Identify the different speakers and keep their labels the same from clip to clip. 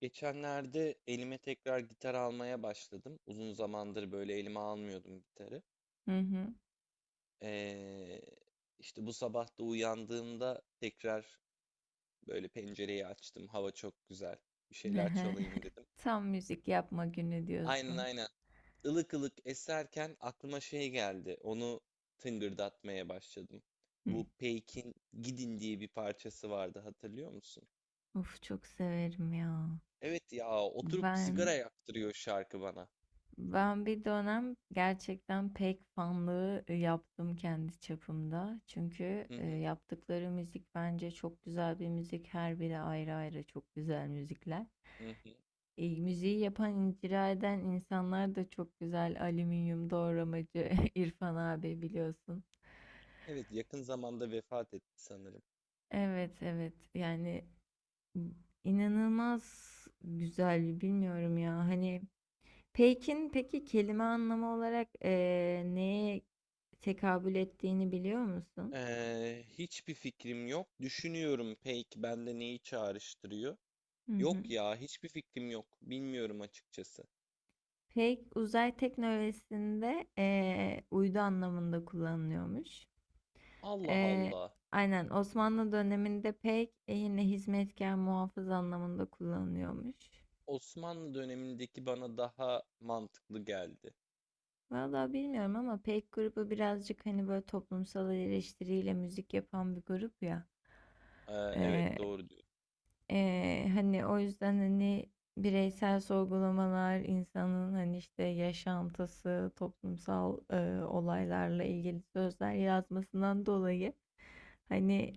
Speaker 1: Geçenlerde elime tekrar gitar almaya başladım. Uzun zamandır böyle elime almıyordum gitarı.
Speaker 2: Hı hı.
Speaker 1: Ee, işte bu sabah da uyandığımda tekrar böyle pencereyi açtım. Hava çok güzel. Bir şeyler çalayım dedim.
Speaker 2: Tam müzik yapma günü
Speaker 1: Aynen
Speaker 2: diyorsun.
Speaker 1: aynen. Ilık ılık eserken aklıma şey geldi. Onu tıngırdatmaya başladım.
Speaker 2: Hı.
Speaker 1: Bu Peyk'in Gidin diye bir parçası vardı, hatırlıyor musun?
Speaker 2: Of, çok severim ya.
Speaker 1: Evet ya, oturup sigara
Speaker 2: Ben
Speaker 1: yaktırıyor şarkı bana.
Speaker 2: ben bir dönem gerçekten pek fanlığı yaptım kendi çapımda. Çünkü
Speaker 1: Hı hı.
Speaker 2: yaptıkları müzik bence çok güzel bir müzik. Her biri ayrı ayrı çok güzel müzikler.
Speaker 1: Hı hı.
Speaker 2: Müziği yapan, icra eden insanlar da çok güzel. Alüminyum doğramacı İrfan abi biliyorsun.
Speaker 1: Evet, yakın zamanda vefat etti sanırım.
Speaker 2: Evet, evet, yani İnanılmaz güzel, bilmiyorum ya. Hani pek'in peki kelime anlamı olarak neye tekabül ettiğini biliyor musun?
Speaker 1: Hiçbir fikrim yok. Düşünüyorum, peki bende neyi çağrıştırıyor?
Speaker 2: Hı hı.
Speaker 1: Yok ya, hiçbir fikrim yok. Bilmiyorum açıkçası.
Speaker 2: Peyk uzay teknolojisinde uydu anlamında kullanılıyormuş.
Speaker 1: Allah
Speaker 2: Eee,
Speaker 1: Allah.
Speaker 2: aynen, Osmanlı döneminde pek yine hizmetkar muhafız anlamında kullanılıyormuş.
Speaker 1: Osmanlı dönemindeki bana daha mantıklı geldi.
Speaker 2: Vallahi bilmiyorum ama pek grubu birazcık hani böyle toplumsal eleştiriyle müzik yapan bir grup ya.
Speaker 1: Ee, evet, doğru diyorsun.
Speaker 2: Hani, o yüzden, hani, bireysel sorgulamalar, insanın, hani, işte, yaşantısı, toplumsal, olaylarla ilgili sözler yazmasından dolayı, hani,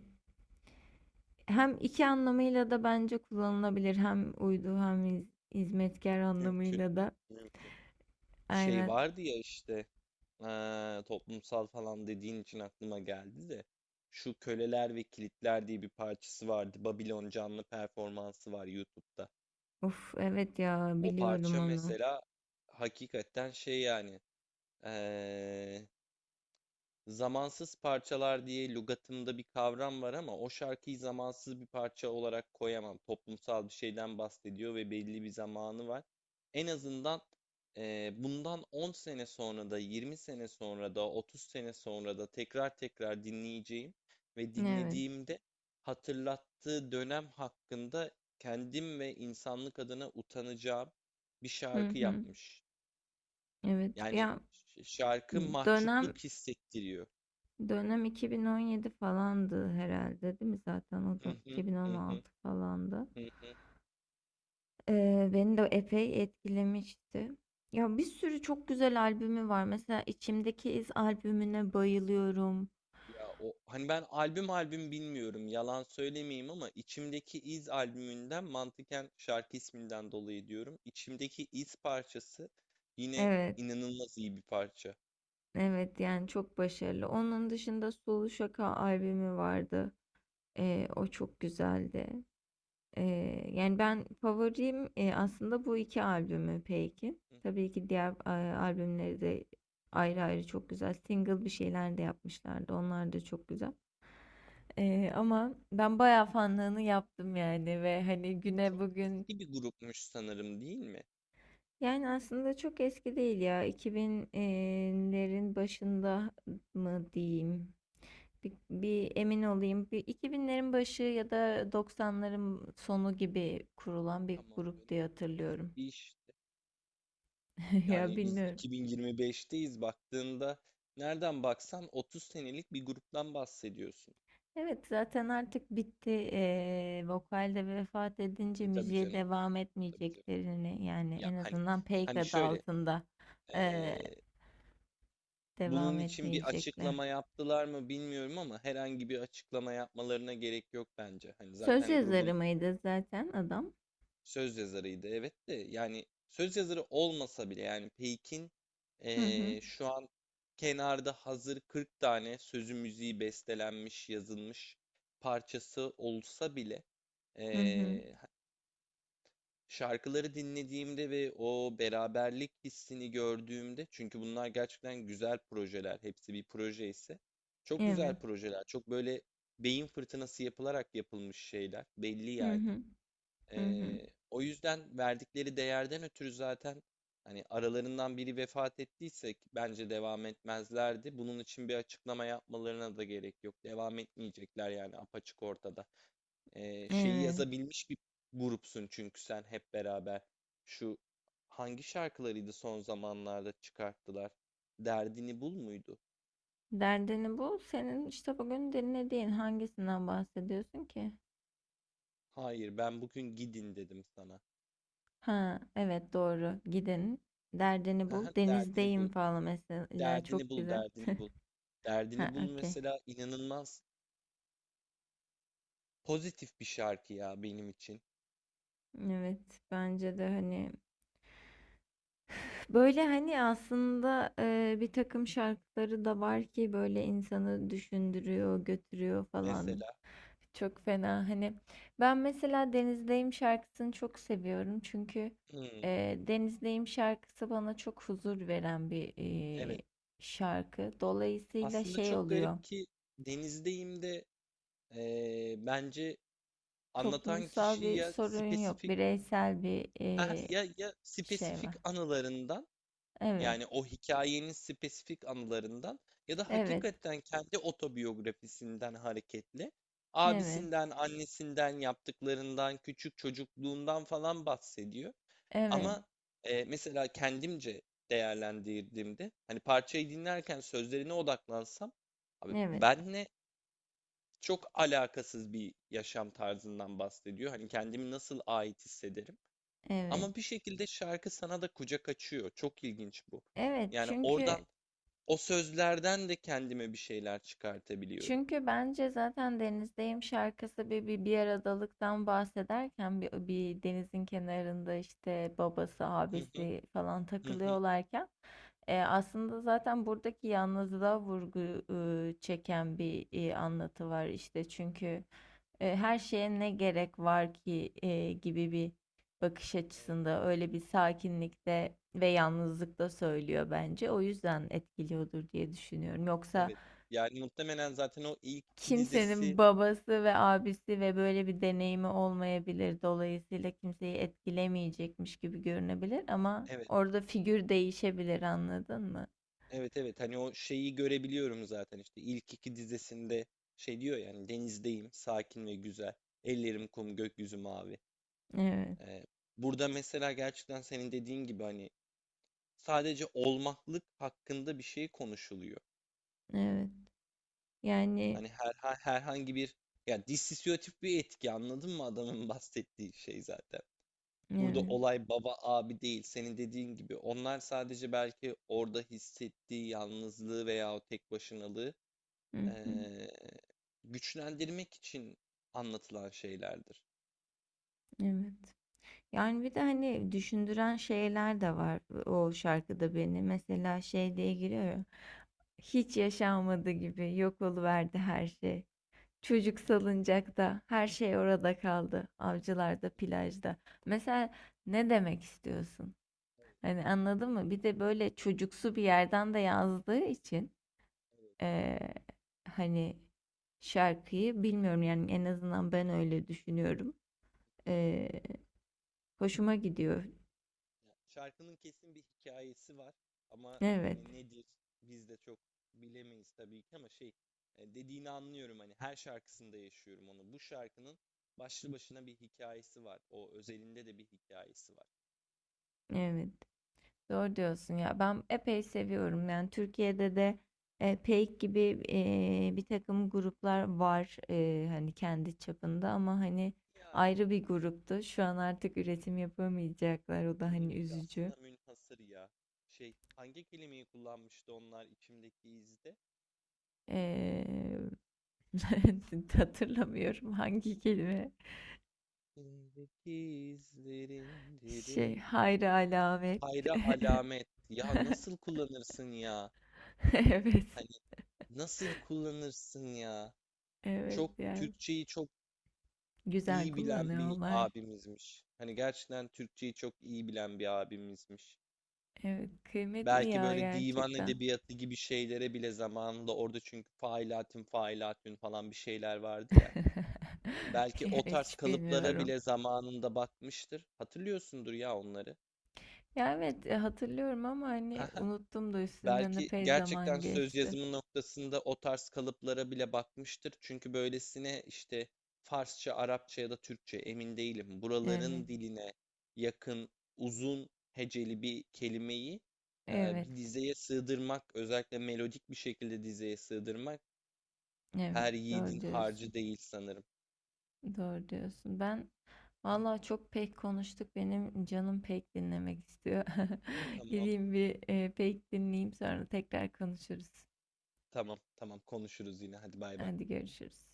Speaker 2: hem 2 anlamıyla da bence kullanılabilir. Hem uydu hem hizmetkâr
Speaker 1: Mümkün.
Speaker 2: anlamıyla da.
Speaker 1: Mümkün. Şey
Speaker 2: Aynen.
Speaker 1: vardı ya, işte toplumsal falan dediğin için aklıma geldi de. Şu Köleler ve Kilitler diye bir parçası vardı. Babilon canlı performansı var YouTube'da.
Speaker 2: Of, evet ya,
Speaker 1: O
Speaker 2: biliyorum
Speaker 1: parça
Speaker 2: onu.
Speaker 1: mesela hakikaten şey yani eee, zamansız parçalar diye lügatımda bir kavram var, ama o şarkıyı zamansız bir parça olarak koyamam. Toplumsal bir şeyden bahsediyor ve belli bir zamanı var. En azından bundan 10 sene sonra da, 20 sene sonra da, 30 sene sonra da tekrar tekrar dinleyeceğim ve
Speaker 2: Evet.
Speaker 1: dinlediğimde hatırlattığı dönem hakkında kendim ve insanlık adına utanacağım bir
Speaker 2: Hı
Speaker 1: şarkı
Speaker 2: hı.
Speaker 1: yapmış.
Speaker 2: Evet.
Speaker 1: Yani
Speaker 2: Ya,
Speaker 1: şarkı
Speaker 2: dönem
Speaker 1: mahcupluk hissettiriyor.
Speaker 2: dönem 2017 falandı herhalde, değil mi? Zaten o
Speaker 1: Hı
Speaker 2: da
Speaker 1: hı, hı hı,
Speaker 2: 2016 falandı.
Speaker 1: hı.
Speaker 2: Beni de epey etkilemişti. Ya, bir sürü çok güzel albümü var. Mesela İçimdeki İz albümüne bayılıyorum.
Speaker 1: Ya o hani, ben albüm albüm bilmiyorum, yalan söylemeyeyim, ama içimdeki iz albümünden mantıken şarkı isminden dolayı diyorum. İçimdeki iz parçası yine
Speaker 2: Evet,
Speaker 1: inanılmaz iyi bir parça.
Speaker 2: evet, yani çok başarılı. Onun dışında Sulu Şaka albümü vardı. O çok güzeldi. Yani ben favorim, aslında bu 2 albümü Peki.
Speaker 1: Hı.
Speaker 2: Tabii ki diğer, albümleri de ayrı ayrı çok güzel. Single bir şeyler de yapmışlardı. Onlar da çok güzel. Ama ben bayağı fanlığını yaptım yani ve hani güne
Speaker 1: Çok
Speaker 2: bugün
Speaker 1: eski bir grupmuş sanırım, değil mi?
Speaker 2: yani aslında çok eski değil ya. 2000'lerin başında mı diyeyim? Bir emin olayım. Bir 2000'lerin başı ya da 90'ların sonu gibi kurulan bir
Speaker 1: Tamam
Speaker 2: grup
Speaker 1: canım.
Speaker 2: diye hatırlıyorum.
Speaker 1: Eski işte.
Speaker 2: Ya,
Speaker 1: Yani biz
Speaker 2: bilmiyorum.
Speaker 1: 2025'teyiz, baktığında nereden baksan 30 senelik bir gruptan bahsediyorsun.
Speaker 2: Evet, zaten artık bitti. Vokalde vefat edince
Speaker 1: E, tabii
Speaker 2: müziğe
Speaker 1: canım,
Speaker 2: devam
Speaker 1: tabii canım.
Speaker 2: etmeyeceklerini, yani
Speaker 1: Ya
Speaker 2: en
Speaker 1: hani,
Speaker 2: azından Peyk
Speaker 1: hani
Speaker 2: adı
Speaker 1: şöyle
Speaker 2: altında ee,
Speaker 1: eee,
Speaker 2: devam
Speaker 1: bunun için bir
Speaker 2: etmeyecekler.
Speaker 1: açıklama yaptılar mı bilmiyorum, ama herhangi bir açıklama yapmalarına gerek yok bence. Hani
Speaker 2: Söz
Speaker 1: zaten
Speaker 2: yazarı
Speaker 1: grubun
Speaker 2: mıydı zaten adam?
Speaker 1: söz yazarıydı, evet, de yani söz yazarı olmasa bile yani Peyk'in
Speaker 2: Hı hı.
Speaker 1: şu an kenarda hazır 40 tane sözü müziği bestelenmiş yazılmış parçası olsa bile
Speaker 2: Hı hı.
Speaker 1: eee, şarkıları dinlediğimde ve o beraberlik hissini gördüğümde, çünkü bunlar gerçekten güzel projeler, hepsi bir proje ise, çok güzel
Speaker 2: Evet.
Speaker 1: projeler, çok böyle beyin fırtınası yapılarak yapılmış şeyler, belli
Speaker 2: Hı
Speaker 1: yani.
Speaker 2: hı. Hı hı.
Speaker 1: O yüzden verdikleri değerden ötürü zaten hani aralarından biri vefat ettiyse, ki bence devam etmezlerdi. Bunun için bir açıklama yapmalarına da gerek yok. Devam etmeyecekler, yani apaçık ortada. Şeyi
Speaker 2: Evet.
Speaker 1: yazabilmiş bir grupsun çünkü sen, hep beraber. Şu hangi şarkılarıydı son zamanlarda çıkarttılar? Derdini bul muydu?
Speaker 2: Derdini bu. Senin işte bugün dinlediğin hangisinden bahsediyorsun ki?
Speaker 1: Hayır, ben bugün gidin dedim sana.
Speaker 2: Ha, evet, doğru. Gidin. Derdini
Speaker 1: Haha,
Speaker 2: bul.
Speaker 1: derdini
Speaker 2: Denizdeyim
Speaker 1: bul,
Speaker 2: falan mesela.
Speaker 1: derdini
Speaker 2: Çok
Speaker 1: bul,
Speaker 2: güzel.
Speaker 1: derdini bul.
Speaker 2: Ha,
Speaker 1: Derdini bul
Speaker 2: okey.
Speaker 1: mesela inanılmaz pozitif bir şarkı ya benim için.
Speaker 2: Evet, bence de hani böyle hani aslında bir takım şarkıları da var ki böyle insanı düşündürüyor, götürüyor falan.
Speaker 1: Mesela,
Speaker 2: Çok fena hani, ben mesela Denizdeyim şarkısını çok seviyorum çünkü
Speaker 1: hmm,
Speaker 2: Denizdeyim şarkısı bana çok huzur veren bir
Speaker 1: evet.
Speaker 2: şarkı. Dolayısıyla
Speaker 1: Aslında
Speaker 2: şey
Speaker 1: çok
Speaker 2: oluyor.
Speaker 1: garip ki Denizdeyim de bence anlatan
Speaker 2: Toplumsal
Speaker 1: kişi
Speaker 2: bir
Speaker 1: ya
Speaker 2: sorun yok.
Speaker 1: spesifik...
Speaker 2: Bireysel bir
Speaker 1: Aha, ya, ya
Speaker 2: şey
Speaker 1: spesifik
Speaker 2: var.
Speaker 1: anılarından,
Speaker 2: Evet.
Speaker 1: yani o hikayenin spesifik anılarından ya da
Speaker 2: Evet.
Speaker 1: hakikaten kendi otobiyografisinden hareketle
Speaker 2: Evet.
Speaker 1: abisinden, annesinden, yaptıklarından, küçük çocukluğundan falan bahsediyor.
Speaker 2: Evet.
Speaker 1: Ama mesela kendimce değerlendirdiğimde hani parçayı dinlerken sözlerine odaklansam, abi
Speaker 2: Evet.
Speaker 1: benle çok alakasız bir yaşam tarzından bahsediyor. Hani kendimi nasıl ait hissederim?
Speaker 2: Evet.
Speaker 1: Ama bir şekilde şarkı sana da kucak açıyor. Çok ilginç bu.
Speaker 2: Evet.
Speaker 1: Yani
Speaker 2: Çünkü
Speaker 1: oradan, o sözlerden de kendime bir şeyler çıkartabiliyorum.
Speaker 2: çünkü bence zaten denizdeyim şarkısı bir aradalıktan bahsederken bir denizin kenarında işte babası,
Speaker 1: Hı hı,
Speaker 2: abisi falan
Speaker 1: hı hı.
Speaker 2: takılıyorlarken aslında zaten buradaki yalnızlığa vurgu çeken bir anlatı var işte çünkü her şeye ne gerek var ki gibi bir bakış
Speaker 1: Evet,
Speaker 2: açısında öyle bir sakinlikte ve yalnızlıkta söylüyor bence. O yüzden etkiliyordur diye düşünüyorum. Yoksa
Speaker 1: evet. Yani muhtemelen zaten o ilk iki dizesi
Speaker 2: kimsenin babası ve abisi ve böyle bir deneyimi olmayabilir. Dolayısıyla kimseyi etkilemeyecekmiş gibi görünebilir ama
Speaker 1: evet,
Speaker 2: orada figür değişebilir, anladın mı?
Speaker 1: evet, evet. Hani o şeyi görebiliyorum zaten, işte ilk iki dizesinde şey diyor yani: denizdeyim, sakin ve güzel. Ellerim kum, gökyüzü mavi.
Speaker 2: Evet.
Speaker 1: Ee, burada mesela gerçekten senin dediğin gibi hani sadece olmaklık hakkında bir şey konuşuluyor.
Speaker 2: Evet. Yani
Speaker 1: Hani herhangi bir, yani dissosiyatif bir etki, anladın mı, adamın bahsettiği şey zaten. Burada
Speaker 2: evet.
Speaker 1: olay baba abi değil, senin dediğin gibi. Onlar sadece belki orada hissettiği yalnızlığı veya o tek başınalığı
Speaker 2: Hı hı.
Speaker 1: eee, güçlendirmek için anlatılan şeylerdir.
Speaker 2: Evet. Yani bir de hani düşündüren şeyler de var o şarkıda beni. Mesela şey diye giriyor ya. Hiç yaşanmadı gibi yok oluverdi her şey. Çocuk
Speaker 1: Evet,
Speaker 2: salıncakta her şey orada kaldı. Avcılarda, plajda. Mesela ne demek istiyorsun?
Speaker 1: evet,
Speaker 2: Hani, anladın mı? Bir de böyle çocuksu bir yerden de yazdığı için
Speaker 1: evet.
Speaker 2: eee, hani, şarkıyı bilmiyorum, yani en azından ben öyle düşünüyorum. Eee, Hoşuma gidiyor.
Speaker 1: Ya, şarkının kesin bir hikayesi var, ama
Speaker 2: Evet,
Speaker 1: hani nedir biz de çok bilemeyiz tabii ki, ama şey, dediğini anlıyorum, hani her şarkısında yaşıyorum onu. Bu şarkının başlı başına bir hikayesi var. O özelinde de bir hikayesi var.
Speaker 2: evet. Doğru diyorsun ya. Ben epey seviyorum. Yani Türkiye'de de, PEYK gibi, bir takım gruplar var, hani, kendi çapında ama, hani,
Speaker 1: Yani
Speaker 2: ayrı bir gruptu. Şu an artık üretim yapamayacaklar. O da, hani,
Speaker 1: nevi
Speaker 2: üzücü.
Speaker 1: şahsına münhasır ya. Şey, hangi kelimeyi kullanmıştı onlar içimdeki izde?
Speaker 2: Eee, hatırlamıyorum hangi kelime.
Speaker 1: İçimdeki izlerin
Speaker 2: Şey,
Speaker 1: derin.
Speaker 2: hayri alamet.
Speaker 1: Hayra alamet. Ya nasıl kullanırsın ya?
Speaker 2: Evet,
Speaker 1: Hani nasıl kullanırsın ya?
Speaker 2: evet,
Speaker 1: Çok
Speaker 2: yani
Speaker 1: Türkçeyi çok
Speaker 2: güzel
Speaker 1: iyi bilen bir
Speaker 2: kullanıyorlar.
Speaker 1: abimizmiş. Hani gerçekten Türkçeyi çok iyi bilen bir abimizmiş.
Speaker 2: Evet, kıymetli
Speaker 1: Belki
Speaker 2: ya,
Speaker 1: böyle divan
Speaker 2: gerçekten.
Speaker 1: edebiyatı gibi şeylere bile zamanında, orada çünkü failatün failatün falan bir şeyler vardı ya. Belki
Speaker 2: Ya,
Speaker 1: o tarz
Speaker 2: hiç
Speaker 1: kalıplara
Speaker 2: bilmiyorum.
Speaker 1: bile zamanında bakmıştır. Hatırlıyorsundur ya onları.
Speaker 2: Ya evet, hatırlıyorum ama hani unuttum, da üstünden
Speaker 1: Belki
Speaker 2: epey zaman
Speaker 1: gerçekten söz
Speaker 2: geçti.
Speaker 1: yazımı noktasında o tarz kalıplara bile bakmıştır. Çünkü böylesine işte Farsça, Arapça ya da Türkçe emin değilim.
Speaker 2: Evet,
Speaker 1: Buraların diline yakın, uzun heceli bir kelimeyi
Speaker 2: evet,
Speaker 1: bir dizeye sığdırmak, özellikle melodik bir şekilde dizeye sığdırmak
Speaker 2: evet,
Speaker 1: her yiğidin
Speaker 2: doğru diyorsun,
Speaker 1: harcı değil sanırım.
Speaker 2: doğru diyorsun. Ben vallahi çok pek konuştuk, benim canım pek dinlemek istiyor.
Speaker 1: Tamam,
Speaker 2: Gideyim bir pek dinleyeyim, sonra tekrar konuşuruz.
Speaker 1: tamam, tamam, konuşuruz yine. Hadi bay bay.
Speaker 2: Hadi görüşürüz.